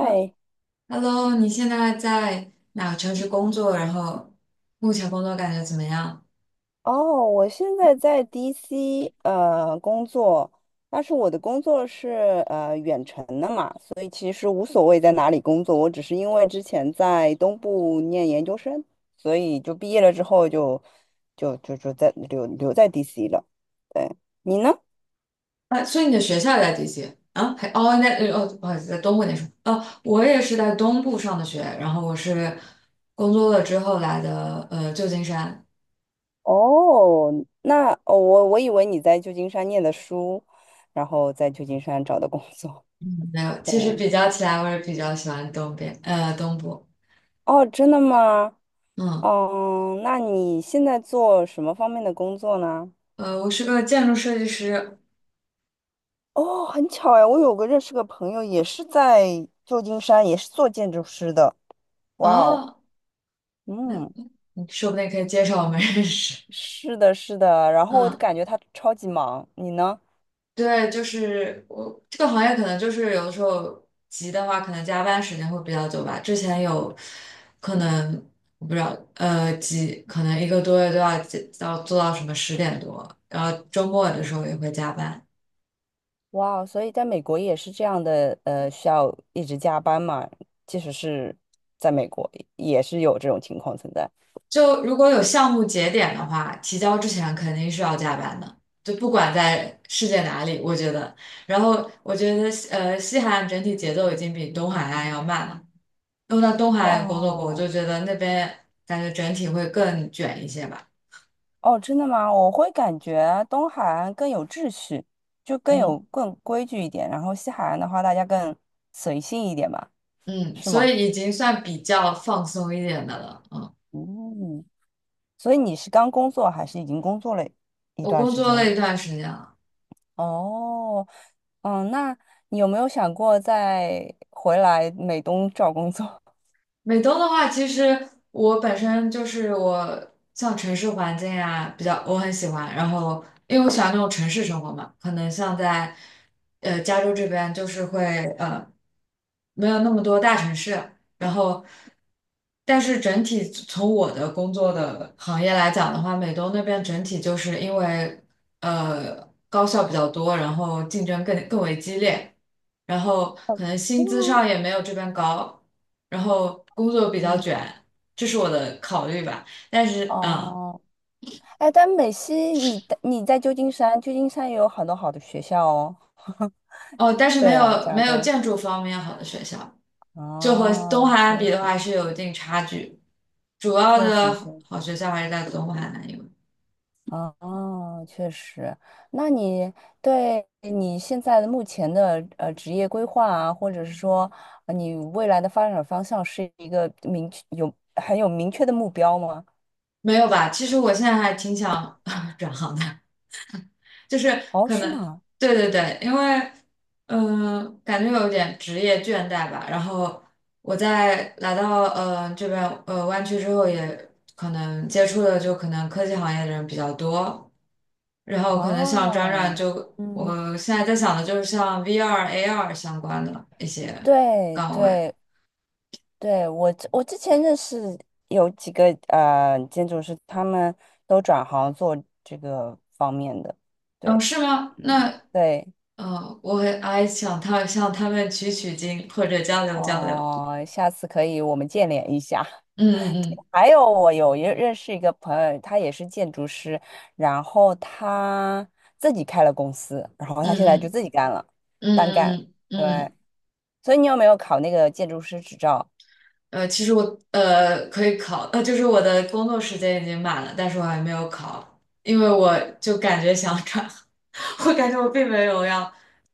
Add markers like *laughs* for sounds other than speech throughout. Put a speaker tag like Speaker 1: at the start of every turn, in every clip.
Speaker 1: 哈 Hello,你现在在哪个城市工作？然后目前工作感觉怎么样？
Speaker 2: 哦，我现在在 DC 工作，但是我的工作是远程的嘛，所以其实无所谓在哪里工作，我只是因为之前在东部念研究生，所以就毕业了之后就在留在 DC 了。对，你呢？
Speaker 1: 啊，所以你的学校也在 DC 啊？还哦，那不好意思，在东部那时候哦，我也是在东部上的学，然后我是工作了之后来的旧金山。
Speaker 2: 哦，那哦我以为你在旧金山念的书，然后在旧金山找的工作。
Speaker 1: 没有，
Speaker 2: 对，
Speaker 1: 其实比较起来，我也比较喜欢东部。
Speaker 2: 哦，真的吗？
Speaker 1: 嗯。
Speaker 2: 嗯，那你现在做什么方面的工作呢？
Speaker 1: 我是个建筑设计师。
Speaker 2: 哦，很巧呀，我有个认识个朋友，也是在旧金山，也是做建筑师的。哇哦，
Speaker 1: 哦，
Speaker 2: 嗯，
Speaker 1: 你说不定可以介绍我们认识。
Speaker 2: 是的，是的。然后我
Speaker 1: 嗯。
Speaker 2: 感觉他超级忙，你呢？
Speaker 1: 对，就是我这个行业可能就是有的时候急的话，可能加班时间会比较久吧。之前有可能我不知道，可能一个多月都要到做到什么十点多，然后周末的时候也会加班。
Speaker 2: 哇哦，所以在美国也是这样的，呃，需要一直加班嘛，即使是在美国，也是有这种情况存在。
Speaker 1: 就如果有项目节点的话，提交之前肯定是要加班的，就不管在世界哪里，我觉得。然后我觉得西海岸整体节奏已经比东海岸要慢了。都在东海岸工作过，我就
Speaker 2: 哦。
Speaker 1: 觉得那边感觉整体会更卷一些吧。
Speaker 2: 哦，真的吗？我会感觉东海岸更有秩序，就更
Speaker 1: 嗯。
Speaker 2: 有更规矩一点，然后西海岸的话，大家更随性一点吧，
Speaker 1: 嗯，
Speaker 2: 是
Speaker 1: 所
Speaker 2: 吗？
Speaker 1: 以已经算比较放松一点的了。嗯，
Speaker 2: 嗯，所以你是刚工作还是已经工作了一
Speaker 1: 我
Speaker 2: 段
Speaker 1: 工
Speaker 2: 时
Speaker 1: 作
Speaker 2: 间
Speaker 1: 了一
Speaker 2: 了？
Speaker 1: 段时间了。
Speaker 2: 哦，嗯，那你有没有想过再回来美东找工作？
Speaker 1: 美东的话，其实我本身就是我像城市环境啊，比较我很喜欢。然后因为我喜欢那种城市生活嘛，可能像在加州这边就是会呃没有那么多大城市，然后，但是整体从我的工作的行业来讲的话，美东那边整体就是因为高校比较多，然后竞争更为激烈，然后可能薪资上也没有这边高，然后工作比较
Speaker 2: 嗯，
Speaker 1: 卷，这是我的考虑吧。但
Speaker 2: *laughs*
Speaker 1: 是嗯，
Speaker 2: 哦，哎，但美西你在旧金山，旧金山也有很多好的学校哦。*laughs*
Speaker 1: 哦，但是没
Speaker 2: 对啊，
Speaker 1: 有
Speaker 2: 加
Speaker 1: 没有
Speaker 2: 州。
Speaker 1: 建筑方面好的学校。就和东
Speaker 2: 哦，
Speaker 1: 海岸
Speaker 2: 确
Speaker 1: 比的
Speaker 2: 实。
Speaker 1: 话是有一定差距，主要
Speaker 2: 确实，
Speaker 1: 的
Speaker 2: 确实，
Speaker 1: 好学校还是在东海岸，因为
Speaker 2: 哦，确实。那你对你现在的目前的职业规划啊，或者是说你未来的发展方向，是一个明确有很有明确的目标吗？
Speaker 1: 没有吧？其实我现在还挺想 *laughs* 转行的，就是
Speaker 2: 哦，
Speaker 1: 可
Speaker 2: 是
Speaker 1: 能，
Speaker 2: 吗？
Speaker 1: 对对对，因为，嗯，感觉有点职业倦怠吧。然后我在来到这边湾区之后，也可能接触的就可能科技行业的人比较多。然后可能像转转
Speaker 2: 哦，
Speaker 1: 就，
Speaker 2: 嗯
Speaker 1: 我现在在想的就是像 VR、AR 相关的一些
Speaker 2: 对
Speaker 1: 岗位。
Speaker 2: 对对，我之前认识有几个建筑师，他们都转行做这个方面的。
Speaker 1: 哦，
Speaker 2: 对，
Speaker 1: 是吗？
Speaker 2: 嗯，
Speaker 1: 那
Speaker 2: 对。
Speaker 1: 我还想向他们取经或者交流。
Speaker 2: 哦，下次可以我们见联一下。
Speaker 1: 嗯嗯。
Speaker 2: 还有，我有一认识一个朋友，他也是建筑师，然后他自己开了公司，然后他现在就
Speaker 1: 嗯嗯
Speaker 2: 自己干了，
Speaker 1: 嗯。
Speaker 2: 单干。
Speaker 1: 嗯嗯。
Speaker 2: 所以你有没有考那个建筑师执照？
Speaker 1: 其实我可以考，就是我的工作时间已经满了，但是我还没有考，因为我就感觉想转，*laughs* 我感觉我并没有要，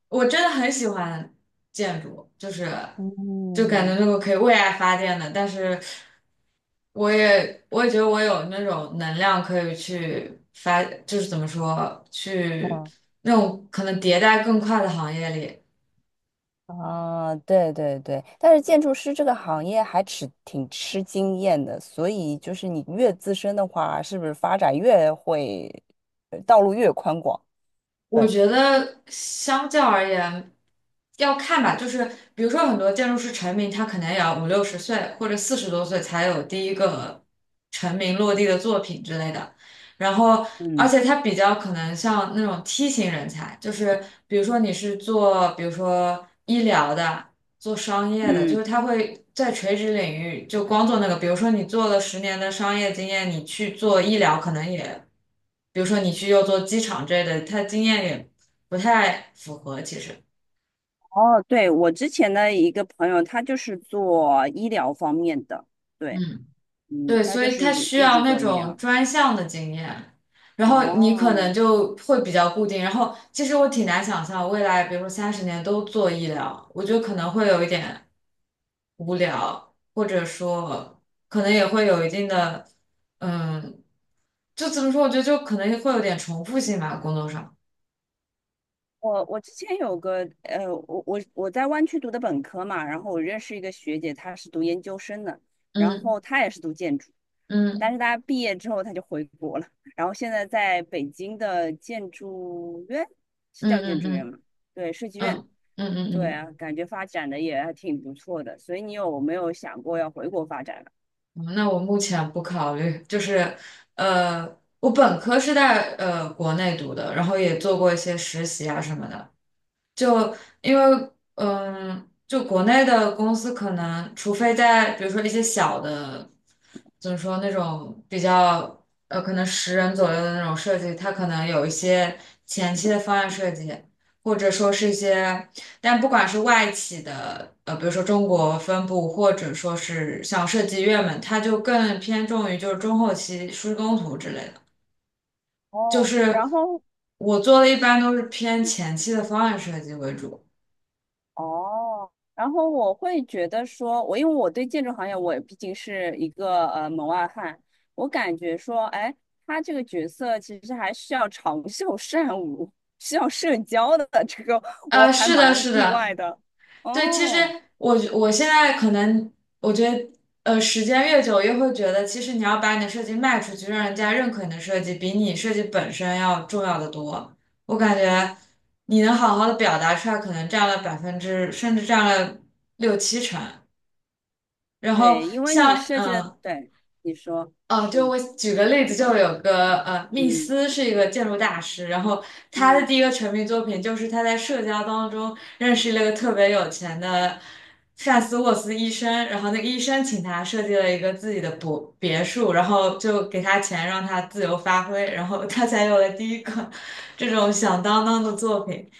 Speaker 1: 我真的很喜欢建筑，就是就感觉
Speaker 2: 嗯
Speaker 1: 那个可以为爱发电的，但是我也觉得我有那种能量可以去发，就是怎么说去
Speaker 2: 啊
Speaker 1: 那种可能迭代更快的行业里。
Speaker 2: 啊，对对对，但是建筑师这个行业还吃挺吃经验的，所以就是你越资深的话，是不是发展越会，道路越宽广？
Speaker 1: 我
Speaker 2: 对。
Speaker 1: 觉得相较而言，要看吧，就是比如说很多建筑师成名，他可能也要五六十岁或者四十多岁才有第一个成名落地的作品之类的。然后，而且他比较可能像那种梯形人才，就是比如说你是做，比如说医疗的。做商业的，
Speaker 2: 嗯
Speaker 1: 就是他会在垂直领域就光做那个，比如说你做了十年的商业经验，你去做医疗可能也，比如说你去又做机场之类的，他经验也不太符合，其实。
Speaker 2: 哦，对，我之前的一个朋友，他就是做医疗方面的，对，
Speaker 1: 嗯。
Speaker 2: 嗯，
Speaker 1: 对，
Speaker 2: 他
Speaker 1: 所
Speaker 2: 就
Speaker 1: 以他
Speaker 2: 是
Speaker 1: 需
Speaker 2: 一
Speaker 1: 要
Speaker 2: 直
Speaker 1: 那
Speaker 2: 做医
Speaker 1: 种
Speaker 2: 疗。
Speaker 1: 专项的经验，然后你可
Speaker 2: 哦，
Speaker 1: 能就会比较固定。然后其实我挺难想象未来，比如说三十年都做医疗，我觉得可能会有一点无聊，或者说可能也会有一定的，嗯，就怎么说？我觉得就可能会有点重复性吧，工作上。
Speaker 2: 我我之前有个，我我在湾区读的本科嘛，然后我认识一个学姐，她是读研究生的，然后她也是读建筑，但
Speaker 1: 嗯
Speaker 2: 是她毕业之后她就回国了，然后现在在北京的建筑院，是
Speaker 1: 嗯
Speaker 2: 叫建
Speaker 1: 嗯。
Speaker 2: 筑院
Speaker 1: 嗯
Speaker 2: 吗？对，设计院。
Speaker 1: 嗯嗯。嗯嗯。嗯
Speaker 2: 对
Speaker 1: 嗯。
Speaker 2: 啊，感觉发展的也还挺不错的，所以你有没有想过要回国发展？
Speaker 1: 嗯那我目前不考虑，就是，呃，我本科是在国内读的，然后也做过一些实习啊什么的，就因为嗯，就国内的公司可能，除非在比如说一些小的，怎么说那种比较可能十人左右的那种设计，它可能有一些前期的方案设计，或者说是一些，但不管是外企的，比如说中国分部，或者说是像设计院们，它就更偏重于就是中后期施工图之类的，就
Speaker 2: 哦，
Speaker 1: 是。
Speaker 2: 然后
Speaker 1: 我做的一般都是偏前期的方案设计为主，
Speaker 2: 哦，然后我会觉得说，我因为我对建筑行业，我毕竟是一个门外汉，我感觉说，哎，他这个角色其实还需要长袖善舞，需要社交的，这个我还
Speaker 1: 是的，
Speaker 2: 蛮
Speaker 1: 是
Speaker 2: 意
Speaker 1: 的，
Speaker 2: 外的。
Speaker 1: 对，其实
Speaker 2: 哦，
Speaker 1: 我现在可能我觉得，时间越久，越会觉得，其实你要把你的设计卖出去，让人家认可你的设计，比你设计本身要重要的多。我感觉你能好好的表达出来，可能占了百分之，甚至占了六七成。然后
Speaker 2: 对，因为你
Speaker 1: 像
Speaker 2: 设计的，对，你说，
Speaker 1: 就
Speaker 2: 嗯
Speaker 1: 我举个例子，就有个密
Speaker 2: 嗯
Speaker 1: 斯是一个建筑大师，然后他的
Speaker 2: 嗯。
Speaker 1: 第一个成名作品就是他在社交当中认识了一个特别有钱的范斯沃斯医生，然后那个医生请他设计了一个自己的别墅，然后就给他钱让他自由发挥，然后他才有了第一个这种响当当的作品，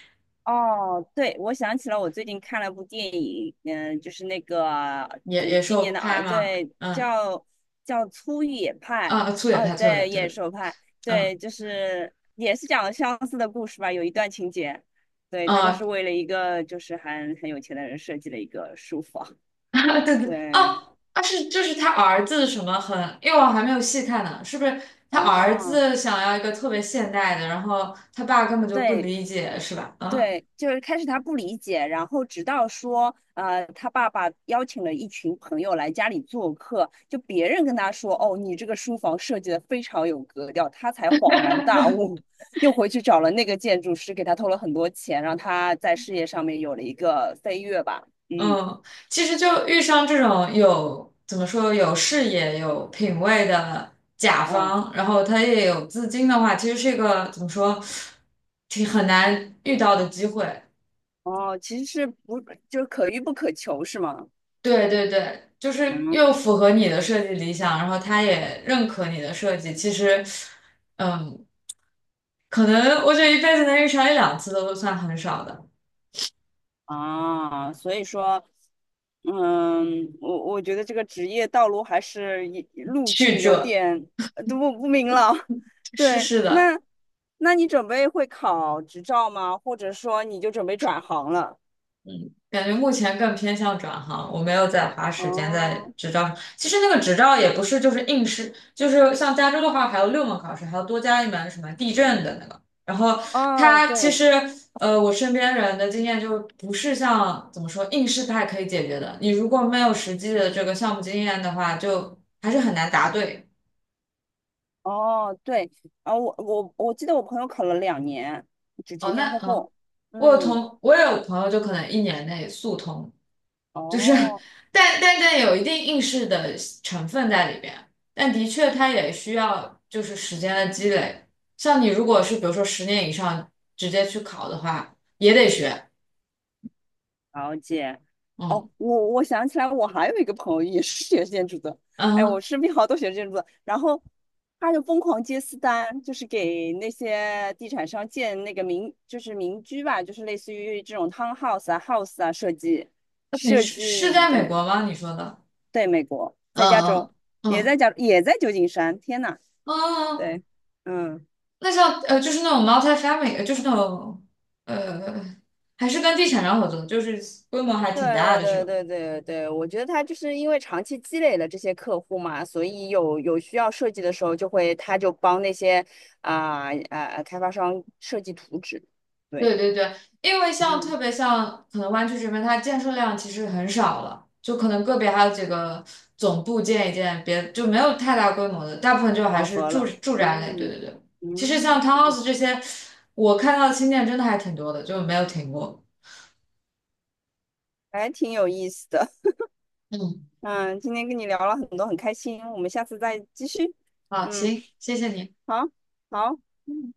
Speaker 2: 哦，对，我想起了我最近看了部电影，嗯、就是那个
Speaker 1: 也
Speaker 2: 今年
Speaker 1: 受
Speaker 2: 的啊，
Speaker 1: 拍嘛，
Speaker 2: 对，
Speaker 1: 嗯，
Speaker 2: 叫《粗野派》
Speaker 1: 啊，粗也
Speaker 2: 啊，
Speaker 1: 拍，
Speaker 2: 对，
Speaker 1: 粗也拍，对
Speaker 2: 《野
Speaker 1: 的，
Speaker 2: 兽派》，
Speaker 1: 嗯。
Speaker 2: 对，就是也是讲了相似的故事吧，有一段情节，对，他就是
Speaker 1: 啊。
Speaker 2: 为了一个就是很有钱的人设计了一个书房，
Speaker 1: 啊，对对，
Speaker 2: 对，
Speaker 1: 哦，啊是，就是他儿子什么很，因为我还没有细看呢，是不是他儿
Speaker 2: 哦。
Speaker 1: 子想要一个特别现代的，然后他爸根本就不
Speaker 2: 对，
Speaker 1: 理解，是吧？嗯。
Speaker 2: 对，就是开始他不理解，然后直到说，呃，他爸爸邀请了一群朋友来家里做客，就别人跟他说，哦，你这个书房设计的非常有格调，他才恍然大悟，*laughs* 又回去找了那个建筑师，给他投了很多钱，让他在事业上面有了一个飞跃吧。嗯
Speaker 1: 嗯，其实就遇上这种有怎么说有视野、有品味的甲
Speaker 2: 啊，
Speaker 1: 方，然后他也有资金的话，其实是一个怎么说挺很难遇到的机会。
Speaker 2: 哦，其实是不，就是可遇不可求，是吗？
Speaker 1: 对对对，就是
Speaker 2: 嗯
Speaker 1: 又符合你的设计理想，然后他也认可你的设计。其实，嗯，可能我觉得一辈子能遇上一两次都算很少的。
Speaker 2: 啊，所以说。嗯，我觉得这个职业道路还是也路
Speaker 1: 去
Speaker 2: 径有
Speaker 1: 这，
Speaker 2: 点都不明朗。*laughs*
Speaker 1: 是
Speaker 2: 对，
Speaker 1: 是的。
Speaker 2: 那你准备会考执照吗？或者说你就准备转行了？
Speaker 1: 感觉目前更偏向转行，我没有在花时间在
Speaker 2: 哦
Speaker 1: 执照上。其实那个执照也不是就是应试，就是像加州的话还有六门考试，还要多加一门什么地震的那个。然后
Speaker 2: 哦，
Speaker 1: 它其
Speaker 2: 对，
Speaker 1: 实我身边人的经验就是不是像怎么说应试派可以解决的。你如果没有实际的这个项目经验的话，就还是很难答对。
Speaker 2: 哦对，啊，我记得我朋友考了两年，就
Speaker 1: 哦，
Speaker 2: 前前
Speaker 1: 那
Speaker 2: 后
Speaker 1: 嗯，
Speaker 2: 后。嗯，
Speaker 1: 我也有朋友就可能一年内速通。就是
Speaker 2: 哦。
Speaker 1: *laughs* 但有一定应试的成分在里边，但的确它也需要就是时间的积累。像你如果是比如说十年以上直接去考的话，也得学。
Speaker 2: 了解。哦，
Speaker 1: 嗯。
Speaker 2: 我想起来，我还有一个朋友也是学建筑的。哎，我
Speaker 1: 嗯，
Speaker 2: 身边好多学建筑的，然后他就疯狂接私单，就是给那些地产商建那个民，就是民居吧，就是类似于这种 townhouse 啊、house 啊设计，
Speaker 1: 你
Speaker 2: 设
Speaker 1: 是
Speaker 2: 计，
Speaker 1: 在美
Speaker 2: 对
Speaker 1: 国吗？你说的？
Speaker 2: 对，美国在加
Speaker 1: 嗯
Speaker 2: 州，
Speaker 1: 嗯。
Speaker 2: 也在
Speaker 1: 嗯
Speaker 2: 加，也在旧金山。天呐，
Speaker 1: 嗯，
Speaker 2: 对，嗯。
Speaker 1: 那像就是那种 multi-family,就是那种呃还是跟地产商合作，就是规模还挺大
Speaker 2: 对
Speaker 1: 的是
Speaker 2: 对
Speaker 1: 吧？
Speaker 2: 对对对对，我觉得他就是因为长期积累了这些客户嘛，所以有需要设计的时候，就会他就帮那些啊啊、开发商设计图纸，对，
Speaker 1: 对对对，因为像
Speaker 2: 嗯，
Speaker 1: 特别像可能湾区这边，它建设量其实很少了，就可能个别还有几个总部建一建，别就没有太大规模的，大部分就还
Speaker 2: 饱
Speaker 1: 是
Speaker 2: 和了，
Speaker 1: 住宅类。对
Speaker 2: 嗯
Speaker 1: 对对，其实像
Speaker 2: 嗯，
Speaker 1: townhouse 这些，我看到的新店真的还挺多的，就没有停过。
Speaker 2: 还挺有意思的，
Speaker 1: 嗯，
Speaker 2: 嗯，今天跟你聊了很多，很开心，我们下次再继续，
Speaker 1: 好，
Speaker 2: 嗯，
Speaker 1: 行，谢谢你。
Speaker 2: 好，好。嗯。